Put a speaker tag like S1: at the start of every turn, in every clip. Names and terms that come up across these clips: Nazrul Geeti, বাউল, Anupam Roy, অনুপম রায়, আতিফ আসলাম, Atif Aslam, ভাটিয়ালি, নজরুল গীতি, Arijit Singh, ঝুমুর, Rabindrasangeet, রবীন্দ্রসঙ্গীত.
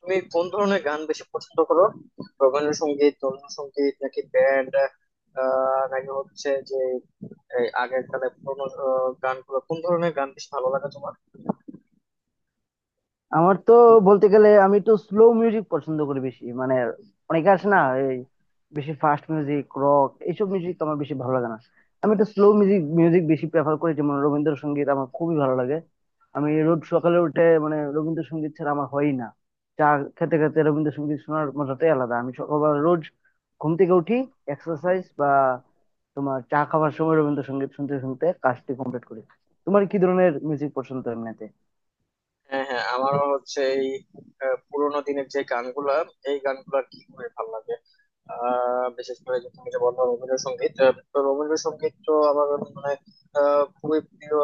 S1: তুমি কোন ধরনের গান বেশি পছন্দ করো? রবীন্দ্রসঙ্গীত সঙ্গীত নাকি ব্যান্ড, নাকি হচ্ছে যে এই আগের কালে পুরোনো গানগুলো, কোন ধরনের গান বেশি ভালো লাগে তোমার?
S2: আমার তো বলতে গেলে আমি একটু স্লো মিউজিক পছন্দ করি বেশি মানে অনেকে আছে না এই বেশি ফাস্ট মিউজিক রক এইসব মিউজিক আমার বেশি ভালো লাগে না। আমি একটু স্লো মিউজিক মিউজিক বেশি প্রেফার করি যেমন রবীন্দ্রসঙ্গীত আমার খুবই ভালো লাগে। আমি রোজ সকালে উঠে মানে রবীন্দ্রসঙ্গীত ছাড়া আমার হয়ই না। চা খেতে খেতে রবীন্দ্রসঙ্গীত শোনার মজাটাই আলাদা। আমি সকালবেলা রোজ ঘুম থেকে উঠি এক্সারসাইজ বা তোমার চা খাওয়ার সময় রবীন্দ্রসঙ্গীত শুনতে শুনতে কাজটি কমপ্লিট করি। তোমার কি ধরনের মিউজিক পছন্দ এমনিতে?
S1: হ্যাঁ হ্যাঁ, আমারও হচ্ছে এই পুরোনো দিনের যে গানগুলা, এই গানগুলা কি করে ভালো লাগে। বিশেষ করে যে তুমি যে বললো রবীন্দ্রসঙ্গীত, তো রবীন্দ্রসঙ্গীত তো আমার মানে খুবই প্রিয়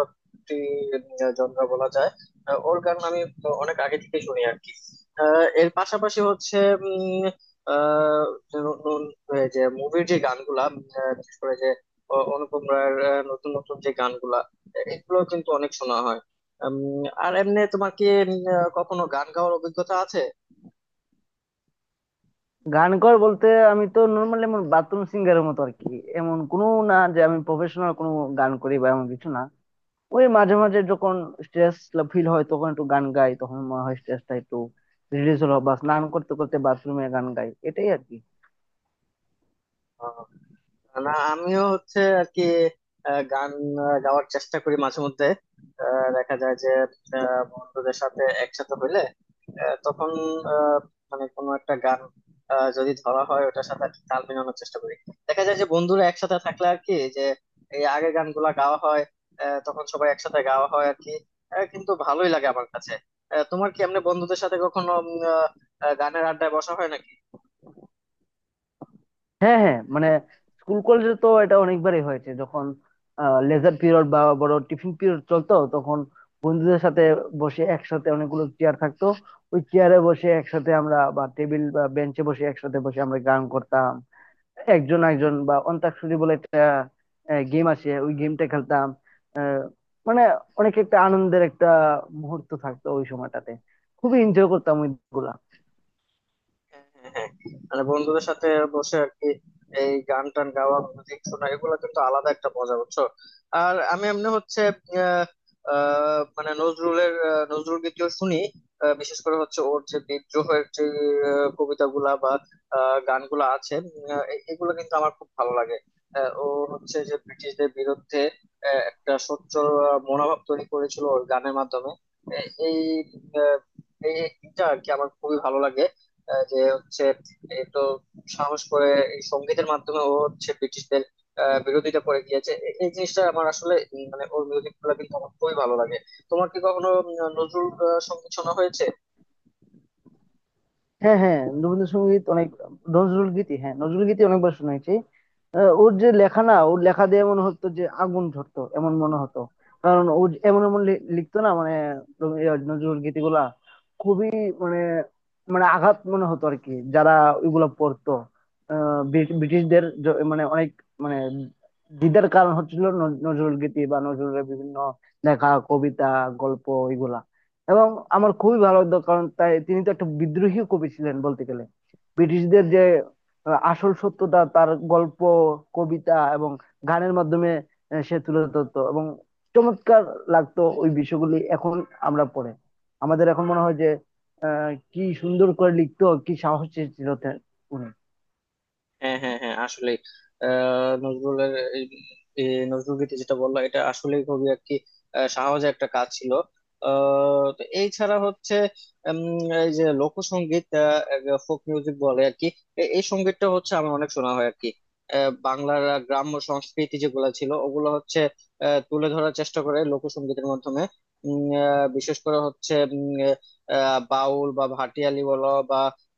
S1: একটি জনরা বলা যায়। ওর গান আমি তো অনেক আগে থেকে শুনি আর কি। এর পাশাপাশি হচ্ছে উম, আহ, যে নতুন, যে মুভির যে গানগুলা, বিশেষ করে যে অনুপম রায়ের নতুন নতুন যে গানগুলা, এগুলো কিন্তু অনেক শোনা হয়। উম, আর এমনি তোমার কি কখনো গান গাওয়ার অভিজ্ঞতা আছে?
S2: গান কর বলতে আমি তো নর্মালি এমন বাথরুম সিঙ্গারের মতো আর কি। এমন কোনো না যে আমি প্রফেশনাল কোনো গান করি বা এমন কিছু না। ওই মাঝে মাঝে যখন স্ট্রেস ফিল হয় তখন একটু গান গাই, তখন মনে হয় স্ট্রেসটা একটু রিলিজ হলো, বা স্নান করতে করতে বাথরুমে গান গাই এটাই আর কি।
S1: আহ, না আমিও হচ্ছে আর কি গান গাওয়ার চেষ্টা করি মাঝে মধ্যে। দেখা যায় যে বন্ধুদের সাথে একসাথে হইলে তখন আহ, মানে কোনো একটা গান যদি ধরা হয় ওটার সাথে আর কি তাল মেলানোর চেষ্টা করি। দেখা যায় যে বন্ধুরা একসাথে থাকলে আর কি, যে এই আগে গানগুলা গাওয়া হয়, তখন সবাই একসাথে গাওয়া হয় আর কি। কিন্তু ভালোই লাগে আমার কাছে। তোমার কি এমনি বন্ধুদের সাথে কখনো আহ, গানের আড্ডায় বসা হয় নাকি?
S2: হ্যাঁ হ্যাঁ মানে স্কুল কলেজে তো এটা অনেকবারই হয়েছে, যখন লেজার পিরিয়ড বা বড় টিফিন পিরিয়ড চলতো তখন বন্ধুদের সাথে বসে একসাথে অনেকগুলো চেয়ার থাকতো। ওই চেয়ারে বসে একসাথে আমরা বা টেবিল বা বেঞ্চে বসে একসাথে বসে আমরা গান করতাম। একজন একজন বা অন্তাক্ষরী বলে একটা গেম আছে, ওই গেমটা খেলতাম। মানে অনেক একটা আনন্দের একটা মুহূর্ত থাকতো ওই সময়টাতে। খুবই এনজয় করতাম ওইগুলা।
S1: হ্যাঁ হ্যাঁ হ্যাঁ, মানে বন্ধুদের সাথে বসে আর কি এই গান টান গাওয়া, মিউজিক শোনা, এগুলো কিন্তু আলাদা একটা মজা, বুঝছো? আর আমি এমনি হচ্ছে আহ, মানে নজরুলের নজরুল গীতিও শুনি। বিশেষ করে হচ্ছে ওর যে বিদ্রোহের যে কবিতাগুলা বা গানগুলা আছে, এগুলো কিন্তু আমার খুব ভালো লাগে। ও হচ্ছে যে ব্রিটিশদের বিরুদ্ধে একটা সোচ্চার মনোভাব তৈরি করেছিল ওর গানের মাধ্যমে। এ- এই আহ, এইটা আর কি আমার খুবই ভালো লাগে। যে হচ্ছে একটু সাহস করে এই সঙ্গীতের মাধ্যমে ও হচ্ছে ব্রিটিশদের বিরোধিতা করে গিয়েছে, এই জিনিসটা আমার আসলে মানে ওর মিউজিক গুলো কিন্তু আমার খুবই ভালো লাগে। তোমার কি কখনো নজরুল সঙ্গীত শোনা হয়েছে?
S2: হ্যাঁ হ্যাঁ রবীন্দ্রসঙ্গীত অনেক। নজরুল গীতি, হ্যাঁ নজরুল গীতি অনেকবার শুনেছি। ওর যে লেখা না ওর লেখা দিয়ে মনে হতো যে আগুন ঝরতো, এমন মনে হতো। কারণ ও যে এমন এমন লিখতো না মানে নজরুল গীতি গুলা খুবই, মানে মানে আঘাত মনে হতো আর কি যারা ওইগুলা পড়তো। ব্রিটিশদের মানে অনেক মানে দ্বিধার কারণ হচ্ছিল নজরুল গীতি বা নজরুলের বিভিন্ন লেখা, কবিতা, গল্প এগুলা। এবং আমার খুবই ভালো লাগতো কারণ তাই তিনি তো একটা বিদ্রোহী কবি ছিলেন বলতে গেলে। ব্রিটিশদের যে আসল সত্যটা তার গল্প, কবিতা এবং গানের মাধ্যমে সে তুলে ধরতো এবং চমৎকার লাগতো ওই বিষয়গুলি। এখন আমরা পড়ে আমাদের এখন মনে হয় যে কি সুন্দর করে লিখতো, কি সাহস ছিল উনি।
S1: হ্যাঁ হ্যাঁ হ্যাঁ, আসলে নজরুলের এই এই নজরুল গীতি যেটা বললো, এটা আসলে খুবই আর কি সাহসের একটা কাজ ছিল। তো এই ছাড়া হচ্ছে এই যে লোকসঙ্গীত, ফোক মিউজিক বলে আর কি, এই সঙ্গীতটা হচ্ছে আমার অনেক শোনা হয় আর কি। বাংলার গ্রাম্য সংস্কৃতি যেগুলো ছিল, ওগুলো হচ্ছে তুলে ধরার চেষ্টা করে লোকসঙ্গীতের মাধ্যমে। বিশেষ করে হচ্ছে বাউল বা ভাটিয়ালি বলো বা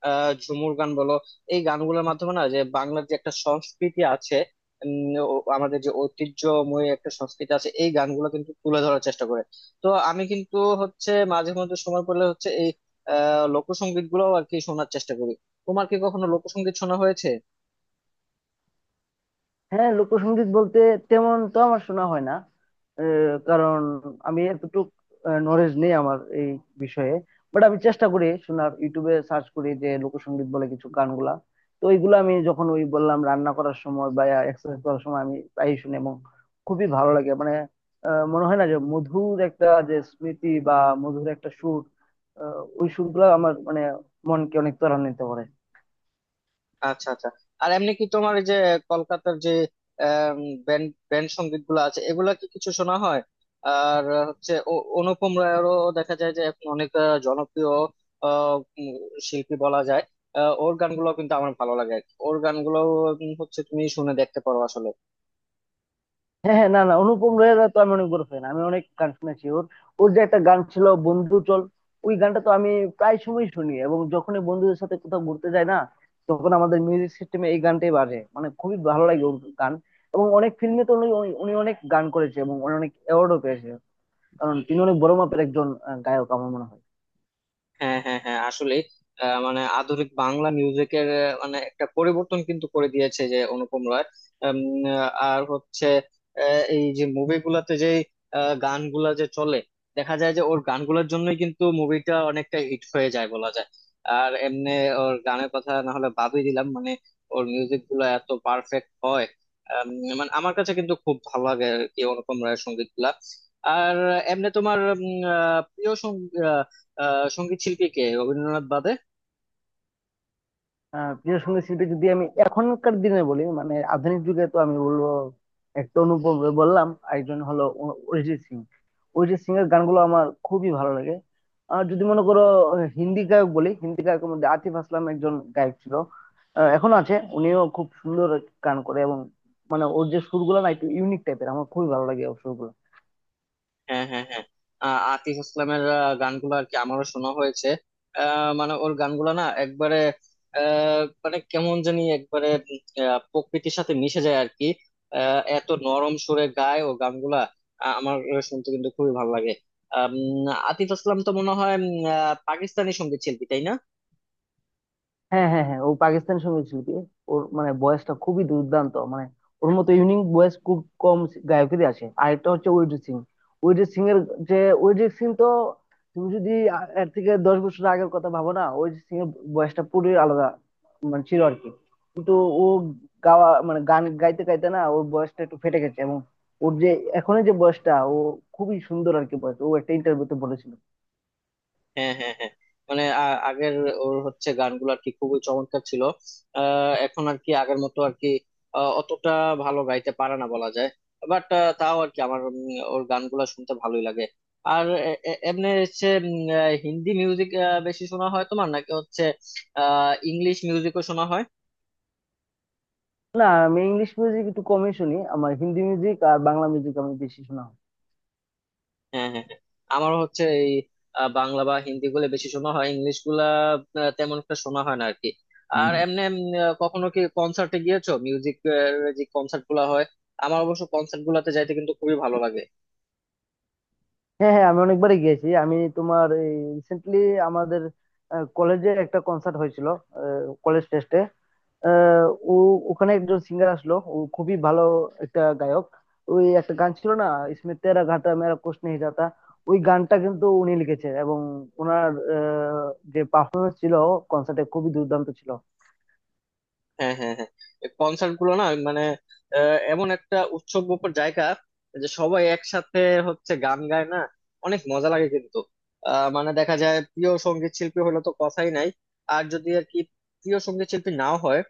S1: ঝুমুর গান বলো, এই গানগুলোর মাধ্যমে না, যে বাংলার যে একটা সংস্কৃতি আছে, আমাদের যে ঐতিহ্যময় একটা সংস্কৃতি আছে, এই গানগুলো কিন্তু তুলে ধরার চেষ্টা করে। তো আমি কিন্তু হচ্ছে মাঝে মধ্যে সময় পেলে হচ্ছে এই লোকসঙ্গীত গুলো আর কি শোনার চেষ্টা করি। তোমার কি কখনো লোকসঙ্গীত শোনা হয়েছে?
S2: হ্যাঁ লোকসঙ্গীত বলতে তেমন তো আমার শোনা হয় না। কারণ আমি এতটুক নলেজ নেই আমার এই বিষয়ে। বাট আমি চেষ্টা করি শোনার, ইউটিউবে সার্চ করি যে লোকসঙ্গীত বলে কিছু গানগুলা। তো এইগুলো আমি যখন ওই বললাম রান্না করার সময় বা এক্সারসাইজ করার সময় আমি প্রায়ই শুনি এবং খুবই ভালো লাগে মানে মনে হয় না যে মধুর একটা যে স্মৃতি বা মধুর একটা সুর। ওই সুরগুলো আমার মানে মনকে অনেক ত্বরান্বিত করে।
S1: আচ্ছা আচ্ছা। আর এমনি কি তোমার এই যে কলকাতার যে ব্যান্ড ব্যান্ড সঙ্গীত গুলো আছে, এগুলা কি কিছু শোনা হয়? আর হচ্ছে অনুপম রায়েরও দেখা যায় যে এখন অনেক জনপ্রিয় আহ, উম, শিল্পী বলা যায়। ওর গানগুলো কিন্তু আমার ভালো লাগে আর কি। ওর গানগুলো হচ্ছে তুমি শুনে দেখতে পারো আসলে।
S2: হ্যাঁ হ্যাঁ, না না, অনুপম রয়ের তো আমি অনেক বড় ফ্যান, আমি অনেক গান শুনেছি ওর। ওর যে একটা গান ছিল বন্ধু চল, ওই গানটা তো আমি প্রায় সময় শুনি এবং যখনই বন্ধুদের সাথে কোথাও ঘুরতে যাই না তখন আমাদের মিউজিক সিস্টেমে এই গানটাই বাজে, মানে খুবই ভালো লাগে ওর গান। এবং অনেক ফিল্মে তো উনি উনি অনেক গান করেছে এবং উনি অনেক অ্যাওয়ার্ডও পেয়েছে। কারণ তিনি অনেক বড় মাপের একজন গায়ক আমার মনে হয়।
S1: হ্যাঁ হ্যাঁ হ্যাঁ, আসলে মানে আধুনিক বাংলা মিউজিকের মানে একটা পরিবর্তন কিন্তু করে দিয়েছে যে অনুপম রায়। আর হচ্ছে এই যে মুভিগুলাতে যে গানগুলা যে চলে, দেখা যায় যে ওর গানগুলোর জন্যই কিন্তু মুভিটা অনেকটা হিট হয়ে যায় বলা যায়। আর এমনি ওর গানের কথা না হলে বাদই দিলাম, মানে ওর মিউজিক গুলা এত পারফেক্ট হয়। আম, মানে আমার কাছে কিন্তু খুব ভালো লাগে আর কি অনুপম রায়ের সঙ্গীত গুলা। আর এমনি তোমার প্রিয় সঙ্গীত সঙ্গীত শিল্পী কে রবীন্দ্রনাথ বাদে?
S2: প্রিয় সঙ্গীত শিল্পী যদি আমি এখনকার দিনে বলি মানে আধুনিক যুগে তো আমি বলবো একটা অনুপম রয় বললাম, আরেকজন হলো অরিজিৎ সিং। অরিজিৎ সিং এর গানগুলো আমার খুবই ভালো লাগে। আর যদি মনে করো হিন্দি গায়ক বলি, হিন্দি গায়কের মধ্যে আতিফ আসলাম একজন গায়ক ছিল, এখনো আছে। উনিও খুব সুন্দর গান করে এবং মানে ওর যে সুরগুলো না একটু ইউনিক টাইপের, আমার খুবই ভালো লাগে ওর সুরগুলো।
S1: হ্যাঁ হ্যাঁ হ্যাঁ, আতিফ আসলামের গানগুলো আর কি আমারও শোনা হয়েছে। মানে ওর গানগুলো না একবারে মানে কেমন জানি একবারে প্রকৃতির সাথে মিশে যায় আর কি। এত নরম সুরে গায় ও গানগুলা, আমার শুনতে কিন্তু খুবই ভালো লাগে। আম, আতিফ আসলাম তো মনে হয় পাকিস্তানি সঙ্গীত শিল্পী, তাই না?
S2: হ্যাঁ হ্যাঁ হ্যাঁ ও পাকিস্তানি সঙ্গীত শিল্পী। ওর মানে ভয়েসটা খুবই দুর্দান্ত, মানে ওর মতো ইউনিক ভয়েস খুব কম গায়কেরই আছে। আরেকটা হচ্ছে অরিজিৎ সিং। অরিজিৎ সিং এর যে অরিজিৎ সিং তো তুমি যদি এর থেকে 10 বছর আগের কথা ভাবো না, অরিজিৎ সিং এর ভয়েসটা পুরো আলাদা মানে ছিল আর কি। কিন্তু ও গাওয়া মানে গান গাইতে গাইতে না ওর ভয়েসটা একটু ফেটে গেছে, এবং ওর যে এখনের যে ভয়েসটা ও খুবই সুন্দর আর কি ভয়েস, ও একটা ইন্টারভিউতে বলেছিল।
S1: হ্যাঁ হ্যাঁ হ্যাঁ, মানে আগের ওর হচ্ছে গানগুলো আর কি খুবই চমৎকার ছিল। এখন আর কি আগের মতো আর কি অতটা ভালো গাইতে পারে না বলা যায়। বাট তাও আর কি আমার ওর গানগুলো শুনতে ভালোই লাগে। আর এমনি হচ্ছে হিন্দি মিউজিক বেশি শোনা হয় তোমার, নাকি হচ্ছে ইংলিশ মিউজিকও শোনা হয়?
S2: না আমি ইংলিশ মিউজিক একটু কমই শুনি, আমার হিন্দি মিউজিক আর বাংলা মিউজিক আমি বেশি শোনা হয়।
S1: হ্যাঁ হ্যাঁ হ্যাঁ। আমারও হচ্ছে এই বাংলা বা হিন্দি গুলো বেশি শোনা হয়, ইংলিশ গুলা তেমন একটা শোনা হয় না আর কি। আর
S2: হুম।
S1: এমনি কখনো কি কনসার্টে গিয়েছো, মিউজিক যে কনসার্ট গুলা হয়? আমার অবশ্য কনসার্ট গুলাতে যাইতে কিন্তু খুবই ভালো লাগে।
S2: হ্যাঁ হ্যাঁ আমি অনেকবারই গিয়েছি। আমি তোমার, রিসেন্টলি আমাদের কলেজে একটা কনসার্ট হয়েছিল কলেজ ফেস্টে। ও ওখানে একজন সিঙ্গার আসলো, ও খুবই ভালো একটা গায়ক। ওই একটা গান ছিল না ইসমে তেরা ঘাটা মেরা কুছ নেহি জাতা, ওই গানটা কিন্তু উনি লিখেছেন এবং ওনার আহ, যে পারফরমেন্স ছিল কনসার্টে খুবই দুর্দান্ত ছিল।
S1: হ্যাঁ হ্যাঁ হ্যাঁ, কনসার্ট গুলো না মানে এমন একটা উৎসব মুখর জায়গা, যে সবাই একসাথে হচ্ছে গান গায় না, অনেক মজা লাগে কিন্তু। মানে দেখা যায় প্রিয় সঙ্গীত শিল্পী হলে তো কথাই নাই, আর যদি আর কি প্রিয় সঙ্গীত শিল্পী নাও হয়,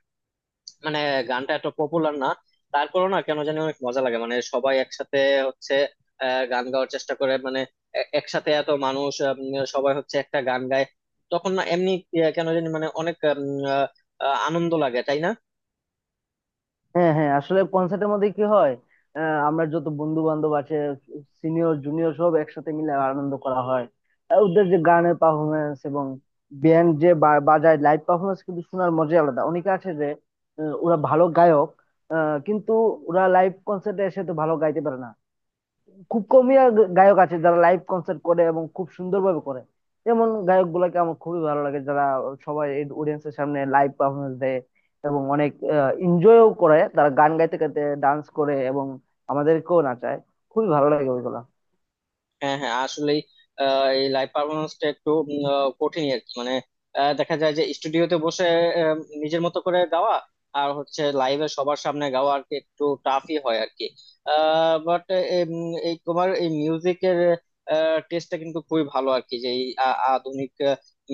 S1: মানে গানটা এত পপুলার না, তারপরেও না কেন জানি অনেক মজা লাগে। মানে সবাই একসাথে হচ্ছে গান গাওয়ার চেষ্টা করে মানে, একসাথে এত মানুষ সবাই হচ্ছে একটা গান গায়, তখন না এমনি কেন জানি মানে অনেক আনন্দ লাগে, তাই না?
S2: হ্যাঁ হ্যাঁ আসলে কনসার্টের মধ্যে কি হয়, আমরা যত বন্ধু বান্ধব আছে সিনিয়র জুনিয়র সব একসাথে মিলে আনন্দ করা হয়। আর ওদের যে গানের পারফরমেন্স এবং ব্যান্ড যে বাজায় লাইভ পারফরমেন্স কিন্তু শোনার মজাই আলাদা। অনেকে আছে যে ওরা ভালো গায়ক কিন্তু ওরা লাইভ কনসার্টে এসে তো ভালো গাইতে পারে না। খুব কমই আর গায়ক আছে যারা লাইভ কনসার্ট করে এবং খুব সুন্দরভাবে করে। এমন গায়ক গুলাকে আমার খুবই ভালো লাগে যারা সবাই অডিয়েন্স এর সামনে লাইভ পারফরমেন্স দেয় এবং অনেক এনজয়ও করে, তারা গান গাইতে গাইতে ডান্স করে এবং আমাদেরকেও নাচায়। খুবই ভালো লাগে ওইগুলা।
S1: হ্যাঁ হ্যাঁ, আসলেই এই লাইভ পারফরমেন্সটা একটু কঠিনই আর কি, মানে দেখা যায় যে স্টুডিওতে বসে আহ, নিজের মতো করে গাওয়া আর হচ্ছে লাইভে সবার সামনে গাওয়া আর কি একটু টাফই হয় আর কি। বাট এই তোমার এই মিউজিকের টেস্টটা কিন্তু খুবই ভালো আর কি, যে এই আধুনিক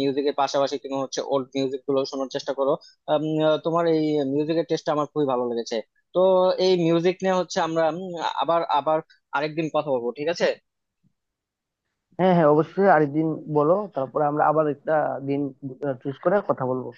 S1: মিউজিকের পাশাপাশি তুমি হচ্ছে ওল্ড মিউজিক গুলো শোনার চেষ্টা করো। তোমার এই মিউজিকের টেস্টটা আমার খুবই ভালো লেগেছে। তো এই মিউজিক নিয়ে হচ্ছে আমরা আবার আবার আরেকদিন কথা বলবো, ঠিক আছে?
S2: হ্যাঁ হ্যাঁ অবশ্যই আরেকদিন বলো, তারপরে আমরা আবার একটা দিন চুজ করে কথা বলবো।